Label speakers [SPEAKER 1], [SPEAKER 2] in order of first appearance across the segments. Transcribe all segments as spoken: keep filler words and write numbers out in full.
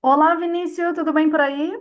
[SPEAKER 1] Olá, Vinícius, tudo bem por aí?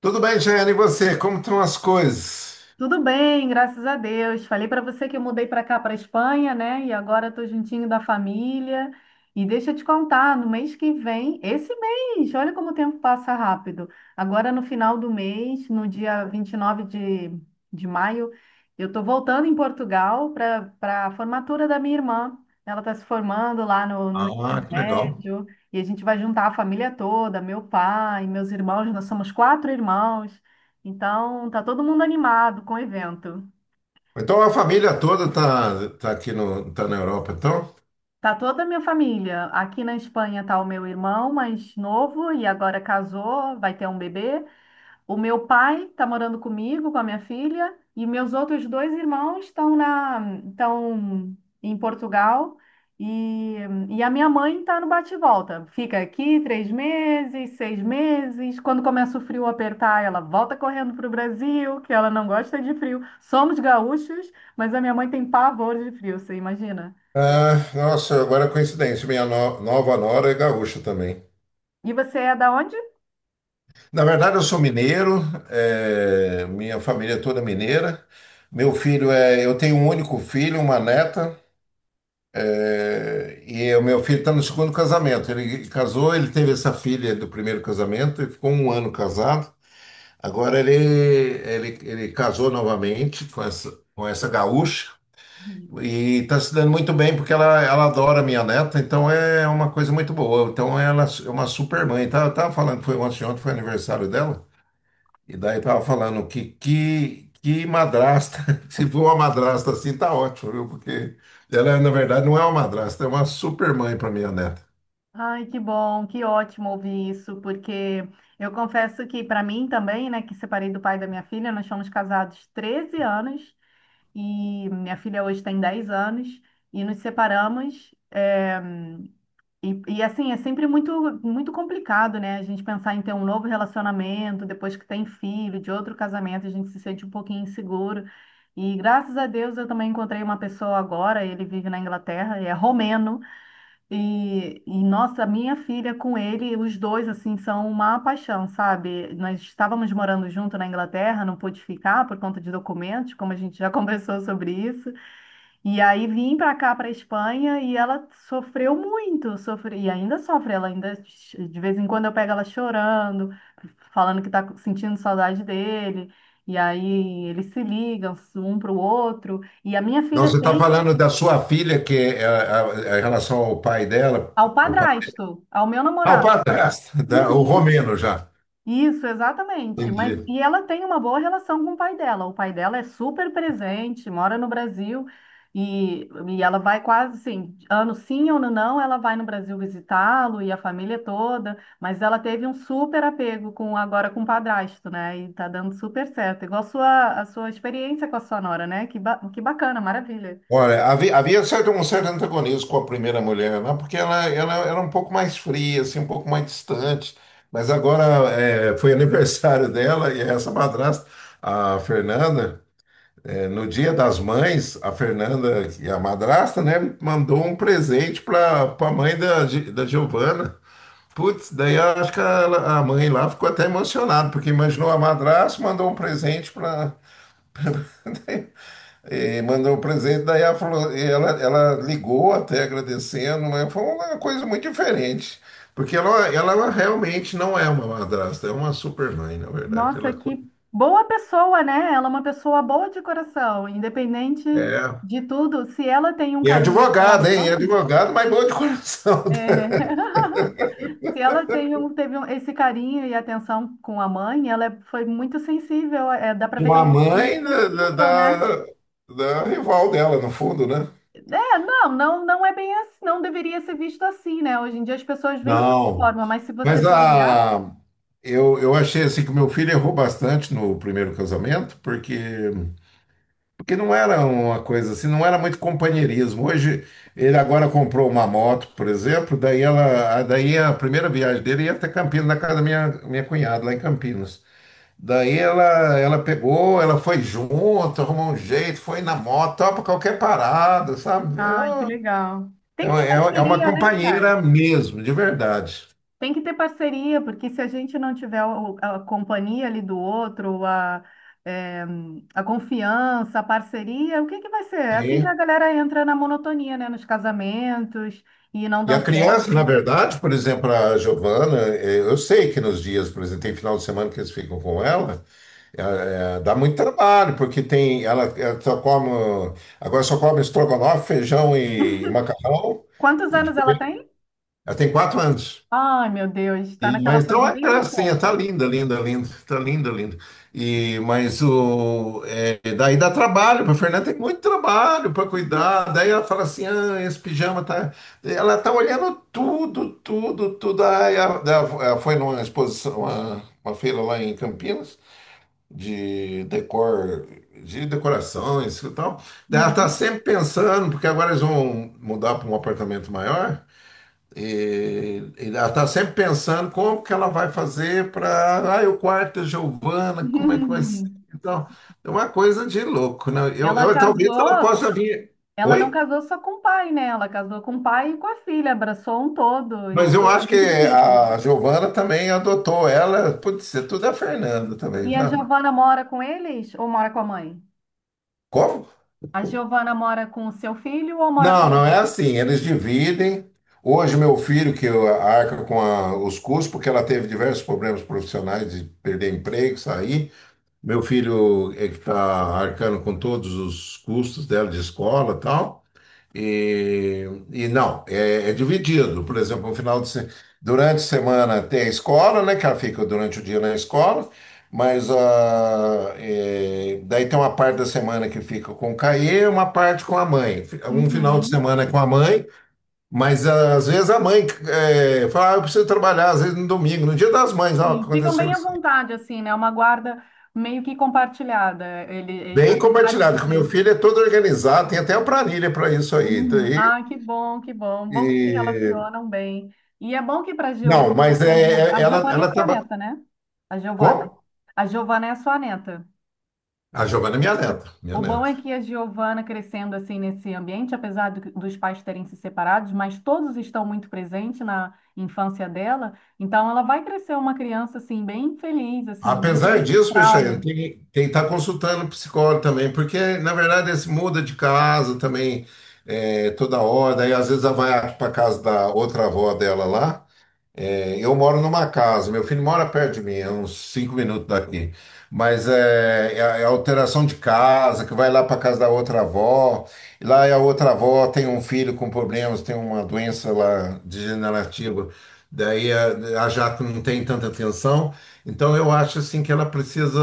[SPEAKER 2] Tudo bem, Jane, e você? Como estão as coisas?
[SPEAKER 1] Tudo bem, graças a Deus. Falei para você que eu mudei para cá, para Espanha, né? E agora estou juntinho da família. E deixa eu te contar, no mês que vem, esse mês, olha como o tempo passa rápido. Agora no final do mês, no dia vinte e nove de, de maio, eu estou voltando em Portugal para para a formatura da minha irmã. Ela está se formando lá no, no
[SPEAKER 2] Ah,
[SPEAKER 1] ensino
[SPEAKER 2] que legal.
[SPEAKER 1] médio e a gente vai juntar a família toda, meu pai, meus irmãos, nós somos quatro irmãos. Então, tá todo mundo animado com o evento.
[SPEAKER 2] Então, a família toda tá, tá aqui no, tá na Europa, então?
[SPEAKER 1] Tá toda a minha família. Aqui na Espanha tá o meu irmão mais novo e agora casou, vai ter um bebê. O meu pai está morando comigo, com a minha filha, e meus outros dois irmãos estão na, estão em Portugal. E, e a minha mãe está no bate-volta. Fica aqui três meses, seis meses. Quando começa o frio apertar, ela volta correndo para o Brasil, que ela não gosta de frio. Somos gaúchos, mas a minha mãe tem pavor de frio, você imagina?
[SPEAKER 2] Ah, nossa, agora é coincidência, minha no- nova nora é gaúcha também.
[SPEAKER 1] E você é da onde?
[SPEAKER 2] Na verdade, eu sou mineiro, é, minha família é toda é mineira. Meu filho é, eu tenho um único filho, uma neta, é, e o meu filho está no segundo casamento. Ele casou, ele teve essa filha do primeiro casamento e ficou um ano casado. Agora ele, ele, ele casou novamente com essa, com essa gaúcha e está se dando muito bem porque ela, ela adora minha neta, então é uma coisa muito boa. Então ela é uma super mãe. Tava, tava falando, foi ontem, ontem foi aniversário dela, e daí tava falando que, que, que madrasta, se for uma madrasta assim, tá ótimo, viu? Porque ela, na verdade, não é uma madrasta, é uma super mãe para minha neta.
[SPEAKER 1] Ai, que bom, que ótimo ouvir isso, porque eu confesso que para mim também, né, que separei do pai da minha filha, nós fomos casados treze anos e minha filha hoje tem dez anos e nos separamos. eh, e, e assim, é sempre muito, muito complicado, né, a gente pensar em ter um novo relacionamento depois que tem filho, de outro casamento, a gente se sente um pouquinho inseguro. E graças a Deus eu também encontrei uma pessoa agora, ele vive na Inglaterra, é romeno. E, e, nossa, minha filha com ele, os dois assim são uma paixão, sabe? Nós estávamos morando junto na Inglaterra, não pude ficar por conta de documentos, como a gente já conversou sobre isso. E aí vim para cá, para Espanha, e ela sofreu muito, sofre, e ainda sofre, ela ainda de vez em quando eu pego ela chorando, falando que está sentindo saudade dele. E aí eles se ligam um para o outro. E a minha
[SPEAKER 2] Não,
[SPEAKER 1] filha
[SPEAKER 2] você está
[SPEAKER 1] tem
[SPEAKER 2] falando da sua filha, que é, a, a- em relação ao pai dela,
[SPEAKER 1] ao
[SPEAKER 2] o pai.
[SPEAKER 1] padrasto, ao meu
[SPEAKER 2] Ah, o
[SPEAKER 1] namorado.
[SPEAKER 2] padrasto, da- o
[SPEAKER 1] Uhum.
[SPEAKER 2] romeno já.
[SPEAKER 1] Isso, exatamente. Mas
[SPEAKER 2] Entendi.
[SPEAKER 1] e ela tem uma boa relação com o pai dela. O pai dela é super presente, mora no Brasil e, e ela vai quase assim, ano sim, ano não, ela vai no Brasil visitá-lo e a família toda, mas ela teve um super apego com agora com o padrasto, né? E tá dando super certo. Igual a sua, a sua experiência com a sua nora, né? Que, ba- que bacana, maravilha.
[SPEAKER 2] Olha, havia, havia certo, um certo antagonismo com a primeira mulher, né? Porque ela, ela era um pouco mais fria, assim, um pouco mais distante. Mas agora é, foi aniversário dela e essa madrasta, a Fernanda, é, no Dia das Mães, a Fernanda e a madrasta, né, mandou um presente para a mãe da, Gi- da Giovana. Putz, daí eu acho que ela- a mãe lá ficou até emocionada, porque imaginou a madrasta, mandou um presente para. E mandou o presente, daí ela falou, e ela, ela ligou até agradecendo, mas foi uma coisa muito diferente. Porque ela, ela realmente não é uma madrasta, é uma super mãe, na verdade.
[SPEAKER 1] Nossa,
[SPEAKER 2] Ela co-
[SPEAKER 1] que boa pessoa, né? Ela é uma pessoa boa de coração, independente
[SPEAKER 2] é.
[SPEAKER 1] de tudo. Se ela tem um
[SPEAKER 2] E é
[SPEAKER 1] carinho pela
[SPEAKER 2] advogada, hein? É
[SPEAKER 1] mãe,
[SPEAKER 2] advogada, mas boa de coração.
[SPEAKER 1] é, se ela tem um, teve um- esse carinho e atenção com a mãe, ela é- foi muito sensível. É, dá para ver que
[SPEAKER 2] Uma
[SPEAKER 1] ela é uma pessoa muito
[SPEAKER 2] mãe da, da,
[SPEAKER 1] sensível, né?
[SPEAKER 2] da- da rival dela, no fundo, né?
[SPEAKER 1] É, não, não, não é bem assim, não deveria ser visto assim, né? Hoje em dia as pessoas veem dessa
[SPEAKER 2] Não.
[SPEAKER 1] forma, mas se você
[SPEAKER 2] Mas
[SPEAKER 1] for olhar,
[SPEAKER 2] a, eu, eu achei assim que meu filho errou bastante no primeiro casamento, porque porque não era uma coisa assim, não era muito companheirismo. Hoje, ele agora comprou uma moto, por exemplo, daí ela, a- daí a primeira viagem dele ia até Campinas, na casa da minha, minha cunhada, lá em Campinas. Daí ela, ela pegou, ela foi junto, arrumou um jeito, foi na moto, topa qualquer parada, sabe? É
[SPEAKER 1] ai, que legal. Tem que
[SPEAKER 2] uma,
[SPEAKER 1] ter
[SPEAKER 2] é uma é uma
[SPEAKER 1] parceria, né, cara?
[SPEAKER 2] companheira mesmo, de verdade.
[SPEAKER 1] Tem que ter parceria, porque se a gente não tiver o- a companhia ali do outro, a, eh, a confiança, a parceria, o que que vai ser? É assim que a
[SPEAKER 2] Sim.
[SPEAKER 1] galera entra na monotonia, né? Nos casamentos e não
[SPEAKER 2] E a
[SPEAKER 1] dão certo.
[SPEAKER 2] criança, na verdade, por exemplo, a Giovana, eh, eu sei que nos dias, por exemplo, tem final de semana que eles ficam com ela. É, é, dá muito trabalho, porque tem, ela, ela só come, agora só come estrogonofe, feijão e macarrão.
[SPEAKER 1] Quantos anos ela tem?
[SPEAKER 2] Ela tem quatro anos.
[SPEAKER 1] Ai, meu Deus, está
[SPEAKER 2] E-
[SPEAKER 1] naquela
[SPEAKER 2] mas
[SPEAKER 1] fase
[SPEAKER 2] então é
[SPEAKER 1] bem
[SPEAKER 2] gracinha, tá
[SPEAKER 1] gostosa.
[SPEAKER 2] linda, linda, linda, tá linda, linda. E, mas o, é, daí dá trabalho, para Fernanda tem muito trabalho para cuidar. Daí ela fala assim: ah, esse pijama tá. Ela tá olhando tudo, tudo, tudo. Aí ela, ela foi numa exposição, uma, uma feira lá em Campinas de decor, de decorações e tal. Daí ela tá
[SPEAKER 1] Uhum.
[SPEAKER 2] sempre pensando, porque agora eles vão mudar para um apartamento maior, e, e ela tá sempre pensando como que ela vai fazer para, ah, o quarto da Giovana, como é que vai ser? Então, é uma coisa de louco, né? Eu,
[SPEAKER 1] Ela
[SPEAKER 2] eu talvez ela
[SPEAKER 1] casou,
[SPEAKER 2] possa vir.
[SPEAKER 1] ela não
[SPEAKER 2] Oi?
[SPEAKER 1] casou só com o pai, né? Ela casou com o pai e com a filha, abraçou um todo.
[SPEAKER 2] Mas
[SPEAKER 1] Isso
[SPEAKER 2] eu
[SPEAKER 1] é
[SPEAKER 2] acho que
[SPEAKER 1] muito bonito.
[SPEAKER 2] a Giovana também adotou ela, pode ser tudo a Fernanda também,
[SPEAKER 1] E a
[SPEAKER 2] tá?
[SPEAKER 1] Giovana mora com eles ou mora com a mãe?
[SPEAKER 2] Como?
[SPEAKER 1] A Giovana mora com o seu filho ou mora com
[SPEAKER 2] Não,
[SPEAKER 1] a
[SPEAKER 2] não é
[SPEAKER 1] mãe?
[SPEAKER 2] assim. Eles dividem. Hoje, meu filho, que arca com a- os custos, porque ela teve diversos problemas profissionais de perder emprego, sair. Meu filho é que está arcando com todos os custos dela de escola e tal. E, e não, é, é dividido. Por exemplo, no final de, se- durante a semana tem a escola, né? Que ela fica durante o dia na escola, mas ah, é, daí tem uma parte da semana que fica com o Caê e uma parte com a mãe. Fi- Um final de
[SPEAKER 1] Uhum.
[SPEAKER 2] semana é com a mãe, mas ah, às vezes a mãe é, fala, ah, eu preciso trabalhar, às vezes no domingo, no dia das mães, ó,
[SPEAKER 1] E ficam
[SPEAKER 2] aconteceu
[SPEAKER 1] bem à
[SPEAKER 2] isso aí.
[SPEAKER 1] vontade, assim, né? É uma guarda meio que compartilhada, ele, ele,
[SPEAKER 2] Bem
[SPEAKER 1] apesar de
[SPEAKER 2] compartilhado, que o meu
[SPEAKER 1] ter.
[SPEAKER 2] filho é todo organizado, tem até uma planilha para isso aí. Então,
[SPEAKER 1] Uhum. Ah, que bom, que bom. Bom que se
[SPEAKER 2] e,
[SPEAKER 1] relacionam bem. E é bom que para
[SPEAKER 2] não,
[SPEAKER 1] Giovana,
[SPEAKER 2] mas
[SPEAKER 1] para Giovana,
[SPEAKER 2] é, é-
[SPEAKER 1] a
[SPEAKER 2] ela,
[SPEAKER 1] Giovana é
[SPEAKER 2] ela
[SPEAKER 1] sua
[SPEAKER 2] trabalha.
[SPEAKER 1] neta, né? A
[SPEAKER 2] Como?
[SPEAKER 1] Giovana. A Giovana é sua neta.
[SPEAKER 2] A Giovana é minha neta, minha
[SPEAKER 1] O bom
[SPEAKER 2] neta.
[SPEAKER 1] é que a Giovana crescendo assim nesse ambiente, apesar do- dos pais terem se separados, mas todos estão muito presentes na infância dela, então ela vai crescer uma criança assim bem feliz, assim, muito
[SPEAKER 2] Apesar
[SPEAKER 1] dos
[SPEAKER 2] disso, Peixeira,
[SPEAKER 1] traumas.
[SPEAKER 2] tem que estar consultando o psicólogo também, porque, na verdade, esse muda de casa também é, toda hora, e às vezes ela vai para casa da outra avó dela lá, eu moro numa casa, meu filho mora perto de mim, é uns cinco minutos daqui. Mas é, é, a- é a alteração de casa, que vai lá para casa da outra avó, e lá a outra avó tem um filho com problemas, tem uma doença lá degenerativa, daí a, a Jaque não tem tanta atenção. Então eu acho assim que ela precisa,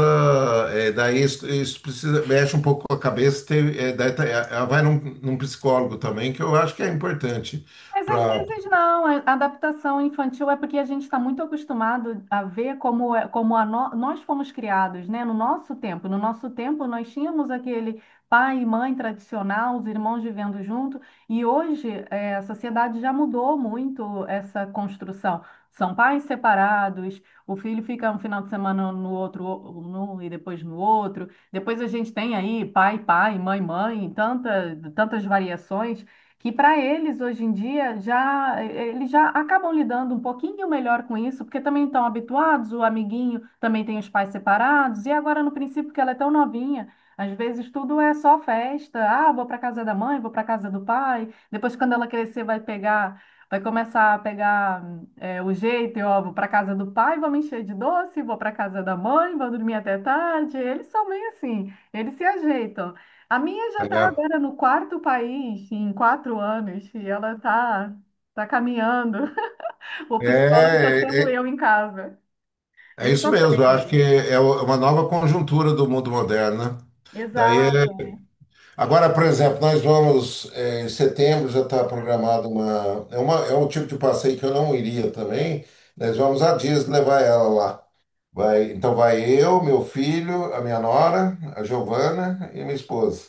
[SPEAKER 2] é, daí isso, isso precisa, mexe um pouco com a cabeça, tem- é, daí tá- é, ela vai num, num psicólogo também, que eu acho que é importante
[SPEAKER 1] Mas às
[SPEAKER 2] para.
[SPEAKER 1] vezes não, a a adaptação infantil é porque a gente está muito acostumado a ver como, é- como a no- nós fomos criados, né? No nosso tempo. No nosso tempo, nós tínhamos aquele pai e mãe tradicional, os irmãos vivendo junto, e hoje eh, a sociedade já mudou muito essa construção. São pais separados, o filho fica um final de semana no outro num e depois no outro. Depois a gente tem aí pai, pai, mãe, mãe, tanta, tantas variações que para eles hoje em dia já eh, eh, eles já acabam lidando um pouquinho melhor com isso, porque também estão habituados, o amiguinho também tem os pais separados, e agora no princípio que ela é tão novinha, às vezes tudo é só festa. Ah, vou para casa da mãe, vou para casa do pai. Depois quando ela crescer vai pegar. Vai começar a pegar eh, o jeito, e, ó, vou para casa do pai, vou me encher de doce, vou para casa da mãe, vou dormir até tarde. Eles são meio assim, eles se ajeitam. A minha já está
[SPEAKER 2] É,
[SPEAKER 1] agora no quarto país em quatro anos e ela está tá tá caminhando. O psicólogo está
[SPEAKER 2] é,
[SPEAKER 1] sendo
[SPEAKER 2] é
[SPEAKER 1] eu em casa.
[SPEAKER 2] é
[SPEAKER 1] Ele tá
[SPEAKER 2] isso mesmo, eu acho que
[SPEAKER 1] aprende.
[SPEAKER 2] é é uma nova conjuntura do mundo moderno, né? Daí é...
[SPEAKER 1] Exato.
[SPEAKER 2] Agora, por exemplo, nós vamos, eh, em setembro já está programado uma... é uma... é um tipo de passeio que eu não iria também, nós vamos a Disney levar ela lá. Vai... então vai eu, meu filho, a minha nora, a Giovana e minha esposa.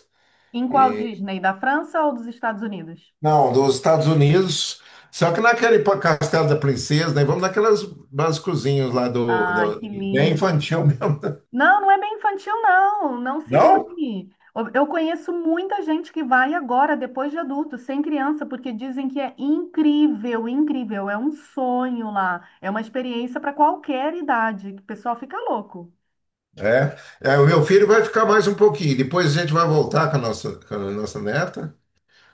[SPEAKER 1] Em qual
[SPEAKER 2] E...
[SPEAKER 1] Disney? Da França ou dos Estados Unidos?
[SPEAKER 2] não, dos Estados Unidos, só que naquele pa- Castelo da Princesa, nós vamos naquelas basicozinhos lá do...
[SPEAKER 1] Ai, que
[SPEAKER 2] do... bem
[SPEAKER 1] lindo.
[SPEAKER 2] infantil mesmo.
[SPEAKER 1] Não, não é bem infantil, não. Não se
[SPEAKER 2] Não?
[SPEAKER 1] engane. Eu eu conheço muita gente que vai agora, depois de adulto, sem criança, porque dizem que é incrível, incrível. É um sonho lá. É uma experiência para qualquer idade. O pessoal fica louco.
[SPEAKER 2] É, é, o meu filho vai ficar mais um pouquinho. Depois a gente vai voltar com a nossa, com a nossa neta,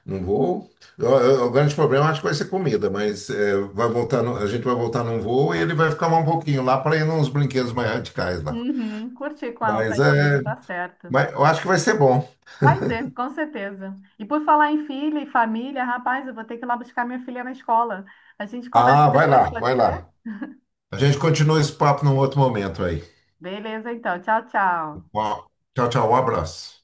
[SPEAKER 2] num voo. O, o- o grande problema acho que vai ser comida, mas é, vai voltar no- a gente vai voltar num voo e ele vai ficar mais um pouquinho lá para ir nos brinquedos mais radicais lá.
[SPEAKER 1] Uhum, curtir com a, com a
[SPEAKER 2] Mas,
[SPEAKER 1] esposa,
[SPEAKER 2] é,
[SPEAKER 1] tá certo.
[SPEAKER 2] mas eu acho que vai ser bom.
[SPEAKER 1] Vai ser, com certeza. E por falar em filha e família, rapaz, eu vou ter que ir lá buscar minha filha na escola. A gente conversa
[SPEAKER 2] Ah, vai
[SPEAKER 1] depois,
[SPEAKER 2] lá,
[SPEAKER 1] pode
[SPEAKER 2] vai
[SPEAKER 1] ser?
[SPEAKER 2] lá. A gente continua esse papo num outro momento aí.
[SPEAKER 1] Beleza, então. Tchau, tchau.
[SPEAKER 2] Uau. Tchau, tchau, um abraço.